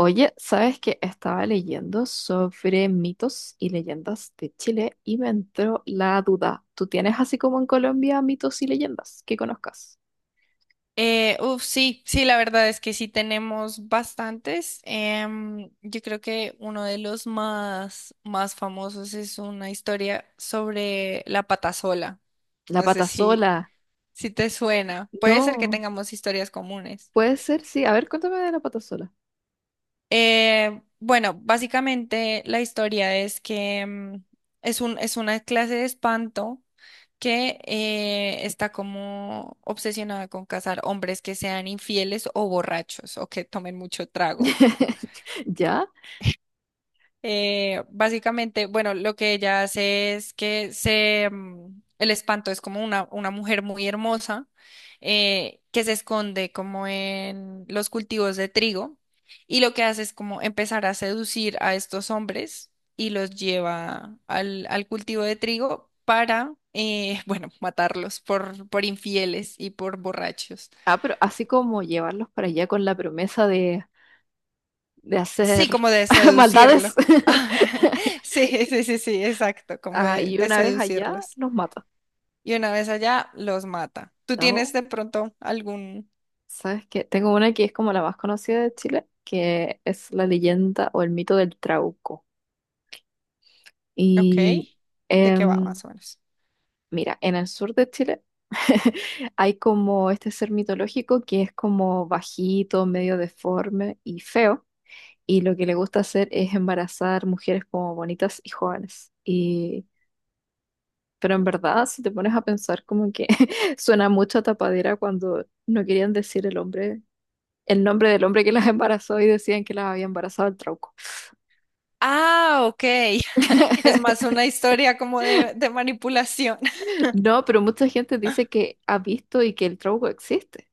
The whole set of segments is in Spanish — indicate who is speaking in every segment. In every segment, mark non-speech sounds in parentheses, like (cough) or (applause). Speaker 1: Oye, ¿sabes que estaba leyendo sobre mitos y leyendas de Chile y me entró la duda? ¿Tú tienes así como en Colombia mitos y leyendas que conozcas?
Speaker 2: Sí, la verdad es que sí tenemos bastantes. Yo creo que uno de los más famosos es una historia sobre la patasola.
Speaker 1: La
Speaker 2: No sé si,
Speaker 1: patasola.
Speaker 2: si te suena. Puede ser que
Speaker 1: No,
Speaker 2: tengamos historias comunes.
Speaker 1: puede ser, sí. A ver, cuéntame de la patasola.
Speaker 2: Bueno, básicamente la historia es que es una clase de espanto que está como obsesionada con casar hombres que sean infieles o borrachos o que tomen mucho trago.
Speaker 1: (laughs) ¿Ya?
Speaker 2: Básicamente, bueno, lo que ella hace es que el espanto es como una mujer muy hermosa que se esconde como en los cultivos de trigo y lo que hace es como empezar a seducir a estos hombres y los lleva al cultivo de trigo para, (laughs) bueno, matarlos por infieles y por borrachos.
Speaker 1: Ah, pero así como llevarlos para allá con la promesa de
Speaker 2: Sí,
Speaker 1: hacer
Speaker 2: como de
Speaker 1: (laughs) maldades.
Speaker 2: seducirlo.
Speaker 1: (laughs)
Speaker 2: (laughs) Sí, sí, sí, sí, exacto, como
Speaker 1: Ah,
Speaker 2: de
Speaker 1: y
Speaker 2: de
Speaker 1: una vez allá
Speaker 2: seducirlos.
Speaker 1: los mata.
Speaker 2: Y una vez allá, los mata. ¿Tú tienes
Speaker 1: ¿No?
Speaker 2: de pronto algún...
Speaker 1: ¿Sabes qué? Tengo una que es como la más conocida de Chile, que es la leyenda o el mito del Trauco.
Speaker 2: Ok.
Speaker 1: Y
Speaker 2: ¿De qué va
Speaker 1: em,
Speaker 2: más o menos?
Speaker 1: mira, en el sur de Chile (laughs) hay como este ser mitológico que es como bajito, medio deforme y feo. Y lo que le gusta hacer es embarazar mujeres como bonitas y jóvenes. Y pero en verdad, si te pones a pensar, como que (laughs) suena mucho a tapadera cuando no querían decir el hombre, el nombre del hombre que las embarazó, y decían que las había embarazado el trauco.
Speaker 2: Ah, ok. (laughs) Es más
Speaker 1: (laughs)
Speaker 2: una historia como de manipulación. (laughs)
Speaker 1: No, pero mucha gente dice que ha visto y que el trauco existe,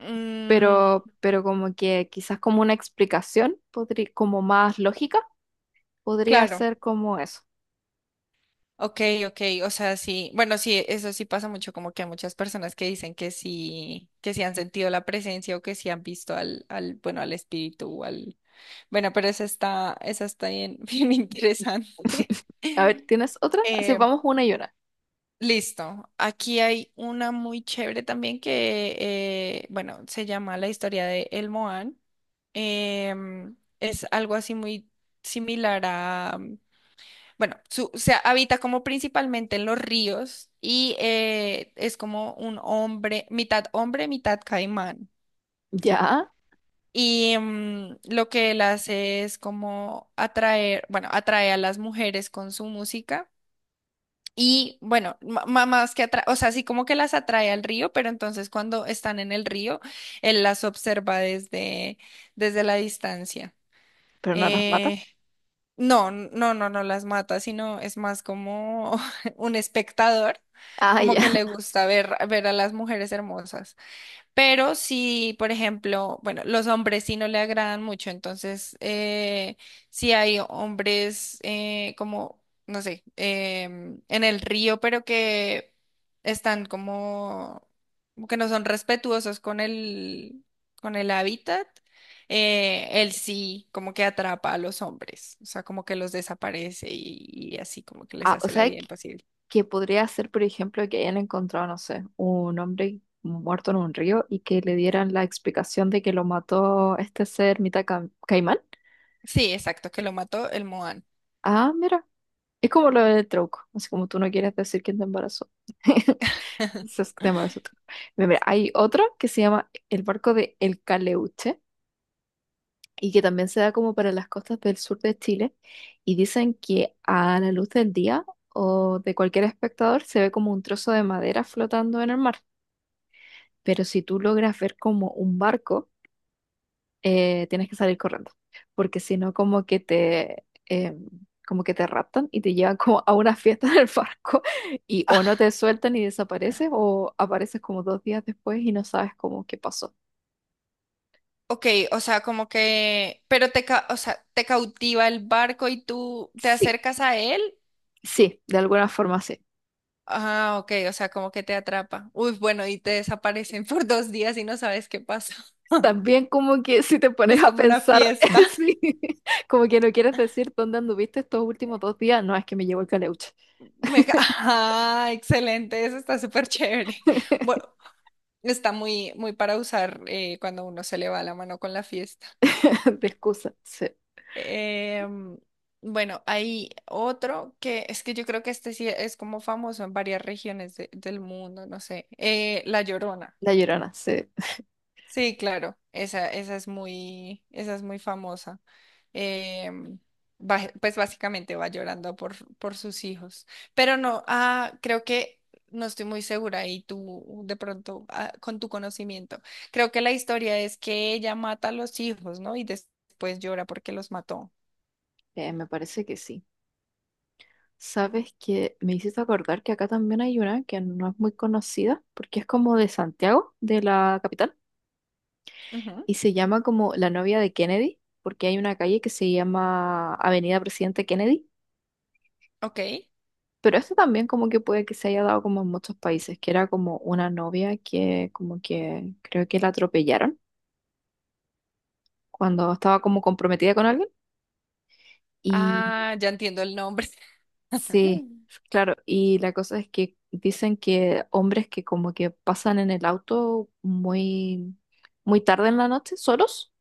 Speaker 2: Mm,
Speaker 1: pero como que quizás como una explicación, como más lógica, podría
Speaker 2: claro.
Speaker 1: ser como eso.
Speaker 2: Ok, ok. O sea, sí. Bueno, sí, eso sí pasa mucho, como que hay muchas personas que dicen que sí han sentido la presencia o que sí han visto bueno, al espíritu o al... Bueno, pero esa está bien, (laughs) bien interesante.
Speaker 1: A ver,
Speaker 2: (laughs)
Speaker 1: ¿tienes otra? Así
Speaker 2: Em,
Speaker 1: vamos una y una.
Speaker 2: listo. Aquí hay una muy chévere también que, bueno, se llama La historia de El Moán. Em, es algo así muy similar a, bueno, se habita como principalmente en los ríos y es como un hombre, mitad caimán.
Speaker 1: Ya,
Speaker 2: Y lo que él hace es como atraer, bueno, atrae a las mujeres con su música. Y bueno, más que atrae, o sea, sí como que las atrae al río, pero entonces cuando están en el río, él las observa desde la distancia.
Speaker 1: pero no las mata.
Speaker 2: Eh, no, no, no, no las mata, sino es más como (laughs) un espectador,
Speaker 1: Ah,
Speaker 2: como
Speaker 1: ya.
Speaker 2: que le
Speaker 1: (laughs)
Speaker 2: gusta ver a las mujeres hermosas. Pero si, por ejemplo, bueno, los hombres sí no le agradan mucho, entonces si hay hombres no sé, en el río, pero que están como que no son respetuosos con con el hábitat, él sí como que atrapa a los hombres, o sea, como que los desaparece y así como que les
Speaker 1: Ah, o
Speaker 2: hace la
Speaker 1: sea,
Speaker 2: vida
Speaker 1: que
Speaker 2: imposible.
Speaker 1: podría ser, por ejemplo, que hayan encontrado, no sé, un hombre muerto en un río y que le dieran la explicación de que lo mató este ser mitad caimán.
Speaker 2: Sí, exacto, que lo mató el Moan.
Speaker 1: Ah, mira, es como lo del trauco, así como tú no quieres decir quién te embarazó. (laughs)
Speaker 2: (laughs)
Speaker 1: Entonces, te embarazó tú. Mira, mira, hay otro que se llama el barco de El Caleuche y que también se da como para las costas del sur de Chile, y dicen que a la luz del día o de cualquier espectador se ve como un trozo de madera flotando en el mar, pero si tú logras ver como un barco, tienes que salir corriendo, porque si no como que te eh, como que te raptan y te llevan (laughs) como a una fiesta en el barco, y o no te sueltan y desapareces o apareces como dos días después y no sabes cómo qué pasó.
Speaker 2: Ok, o sea, como que, pero o sea, te cautiva el barco y tú te
Speaker 1: Sí,
Speaker 2: acercas a él.
Speaker 1: sí, de alguna forma sí.
Speaker 2: Ah, ok, o sea, como que te atrapa. Uy, bueno, y te desaparecen (laughs) por dos días y no sabes qué pasó. (laughs)
Speaker 1: También como que si te
Speaker 2: Es
Speaker 1: pones a
Speaker 2: como una
Speaker 1: pensar,
Speaker 2: fiesta.
Speaker 1: (laughs) sí, como que no quieres decir dónde anduviste estos últimos dos días, no es que me llevo el caleuche
Speaker 2: Ajá, excelente, eso está súper chévere. (laughs) Bueno,
Speaker 1: (laughs)
Speaker 2: está muy para usar cuando uno se le va la mano con la fiesta.
Speaker 1: de excusa, sí.
Speaker 2: Em, bueno, hay otro que es que yo creo que este sí es como famoso en varias regiones del mundo, no sé. La Llorona.
Speaker 1: La Llorona, sí.
Speaker 2: Sí, claro, esa es muy famosa. Em, pues básicamente va llorando por sus hijos. Pero no, ah, creo que no estoy muy segura y tú de pronto, ah, con tu conocimiento, creo que la historia es que ella mata a los hijos, ¿no? Y después llora porque los mató.
Speaker 1: Me parece que sí. Sabes que me hiciste acordar que acá también hay una que no es muy conocida porque es como de Santiago, de la capital,
Speaker 2: Ujú.
Speaker 1: y se llama como La novia de Kennedy, porque hay una calle que se llama Avenida Presidente Kennedy,
Speaker 2: Ok.
Speaker 1: pero esto también como que puede que se haya dado como en muchos países, que era como una novia que como que creo que la atropellaron cuando estaba como comprometida con alguien.
Speaker 2: Ah, ya entiendo el nombre.
Speaker 1: Sí,
Speaker 2: (laughs)
Speaker 1: claro, y la cosa es que dicen que hombres que como que pasan en el auto muy, muy tarde en la noche, solos,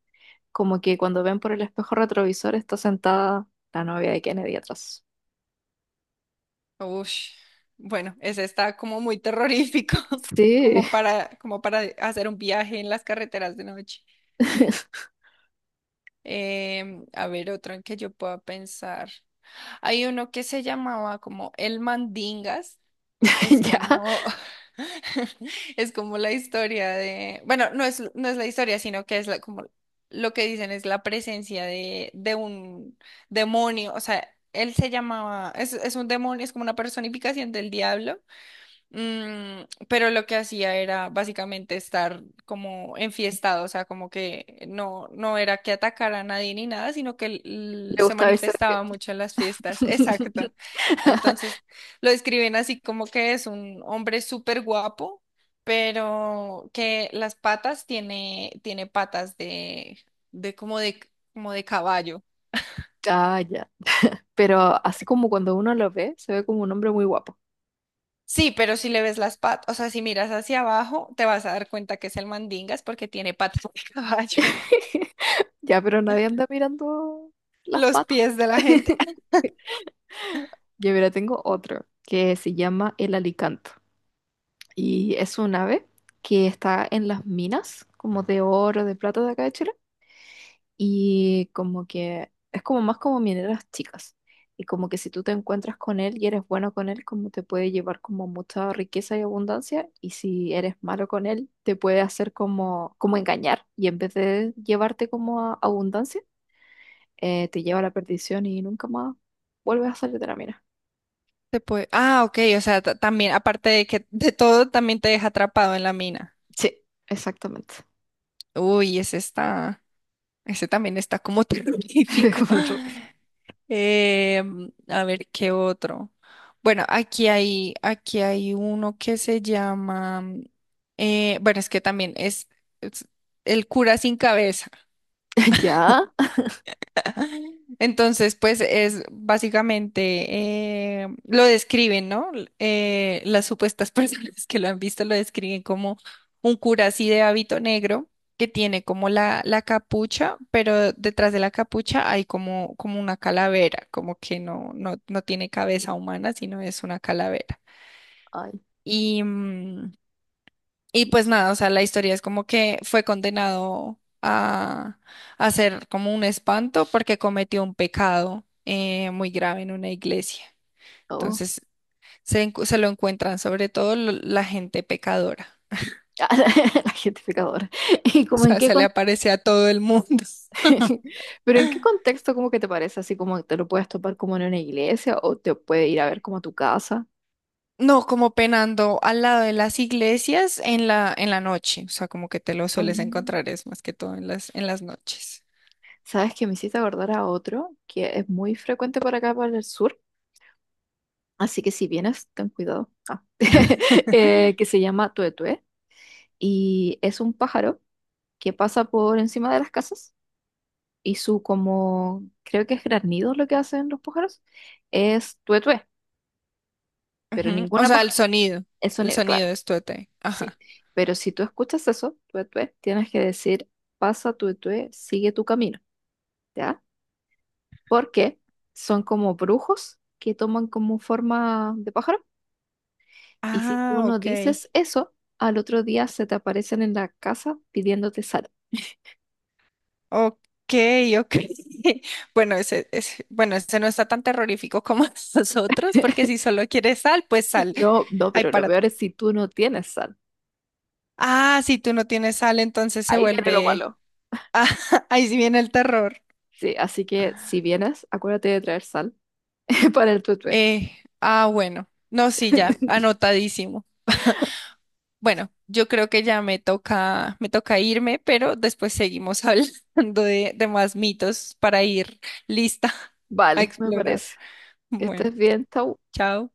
Speaker 1: como que cuando ven por el espejo retrovisor está sentada la novia de Kennedy atrás.
Speaker 2: Ush. Bueno, ese está como muy terrorífico, (laughs)
Speaker 1: Sí,
Speaker 2: como para, como para hacer un viaje en las carreteras de noche.
Speaker 1: (laughs)
Speaker 2: A ver, otro en que yo pueda pensar. Hay uno que se llamaba como El Mandingas. Es
Speaker 1: ya,
Speaker 2: como, (laughs) es como la historia de, bueno, no es la historia, sino que es como lo que dicen es la presencia de un demonio. O sea, él se llamaba, es un demonio, es como una personificación del diablo. Pero lo que hacía era básicamente estar como enfiestado, o sea, como que no, no era que atacara a nadie ni nada, sino que él
Speaker 1: le
Speaker 2: se
Speaker 1: gusta verse de
Speaker 2: manifestaba
Speaker 1: fiesta.
Speaker 2: mucho en las fiestas, (laughs) exacto.
Speaker 1: (laughs)
Speaker 2: Entonces lo describen así como que es un hombre súper guapo, pero que tiene patas de como de, como de caballo.
Speaker 1: Ya, ya. Pero así como cuando uno lo ve, se ve como un hombre muy guapo.
Speaker 2: Sí, pero si le ves las patas, o sea, si miras hacia abajo, te vas a dar cuenta que es el mandingas porque tiene patas de (laughs) caballo.
Speaker 1: (laughs) Ya, pero nadie anda mirando las
Speaker 2: Los pies
Speaker 1: patas.
Speaker 2: de la gente. Ah,
Speaker 1: (laughs) Yo mira, tengo otro que se llama el alicanto, y es un ave que está en las minas como de oro, de plata de acá de Chile, y como que es como más como mineras chicas, y como que si tú te encuentras con él y eres bueno con él como te puede llevar como mucha riqueza y abundancia, y si eres malo con él te puede hacer como engañar, y en vez de llevarte como a abundancia, te lleva a la perdición y nunca más vuelves a salir de la mina.
Speaker 2: ah, ok, o sea, también, aparte de que de todo, también te deja atrapado en la mina.
Speaker 1: Sí, exactamente.
Speaker 2: Uy, ese está, ese también está como terrorífico.
Speaker 1: (laughs)
Speaker 2: (laughs) A ver, ¿qué otro? Bueno, aquí hay uno que se llama, bueno, es que también es el cura sin cabeza.
Speaker 1: Ya.
Speaker 2: Entonces, pues es básicamente, lo describen, ¿no? Las supuestas (laughs) personas que lo han visto lo describen como un cura así de hábito negro que tiene como la capucha, pero detrás de la capucha hay como una calavera, como que no tiene cabeza humana, sino es una calavera.
Speaker 1: Ay,
Speaker 2: Y, y pues
Speaker 1: Dios.
Speaker 2: nada, o sea, la historia es como que fue condenado a ser como un espanto porque cometió un pecado muy grave en una iglesia.
Speaker 1: Oh.
Speaker 2: Entonces se lo encuentran sobre todo la gente pecadora. (laughs)
Speaker 1: (laughs) La gentificadora. ¿Y
Speaker 2: O
Speaker 1: como en
Speaker 2: sea,
Speaker 1: qué
Speaker 2: se le aparece a todo el mundo. (laughs)
Speaker 1: (laughs) pero en qué contexto como que te parece, así como te lo puedes topar como en una iglesia o te puede ir a ver como a tu casa?
Speaker 2: No, como penando al lado de las iglesias en en la noche. O sea, como que te lo sueles
Speaker 1: Mm.
Speaker 2: encontrar, es más que todo en en las noches.
Speaker 1: ¿Sabes que me hiciste acordar a otro que es muy frecuente para acá para el sur? Así que si vienes, ten cuidado. Ah. (laughs) Que se llama tuetue, y es un pájaro que pasa por encima de las casas, y su como, creo que es granido lo que hacen los pájaros, es tué tué, pero
Speaker 2: Ujú. O
Speaker 1: ninguna
Speaker 2: sea, el
Speaker 1: paja,
Speaker 2: sonido.
Speaker 1: el
Speaker 2: El
Speaker 1: sonido, claro,
Speaker 2: sonido es tuete. Ajá.
Speaker 1: sí. Pero si tú escuchas eso, tué tué, tienes que decir, pasa tué tué, sigue tu camino, ¿ya? Porque son como brujos que toman como forma de pájaro, y si tú
Speaker 2: Ah,
Speaker 1: no
Speaker 2: ok.
Speaker 1: dices eso, al otro día se te aparecen en la casa pidiéndote sal.
Speaker 2: Ok, ok. (laughs) Bueno, bueno, ese no está tan terrorífico como (laughs) los otros, porque si solo quieres sal, pues sal.
Speaker 1: No, no,
Speaker 2: Ay,
Speaker 1: pero lo
Speaker 2: para.
Speaker 1: peor es si tú no tienes sal.
Speaker 2: Ah, si tú no tienes sal, entonces se
Speaker 1: Ahí viene lo
Speaker 2: vuelve.
Speaker 1: malo.
Speaker 2: (laughs) Ah, ahí sí viene el terror.
Speaker 1: Sí, así que si vienes, acuérdate de traer sal (laughs) que para el tutué.
Speaker 2: Eh, ah, bueno. No, sí, ya,
Speaker 1: (laughs)
Speaker 2: anotadísimo. Bueno, yo creo que ya me toca irme, pero después seguimos (laughs) hablando de más mitos para ir lista (laughs) a
Speaker 1: Vale, me
Speaker 2: explorar.
Speaker 1: parece. Que
Speaker 2: Bueno,
Speaker 1: estés bien, Tau.
Speaker 2: chao.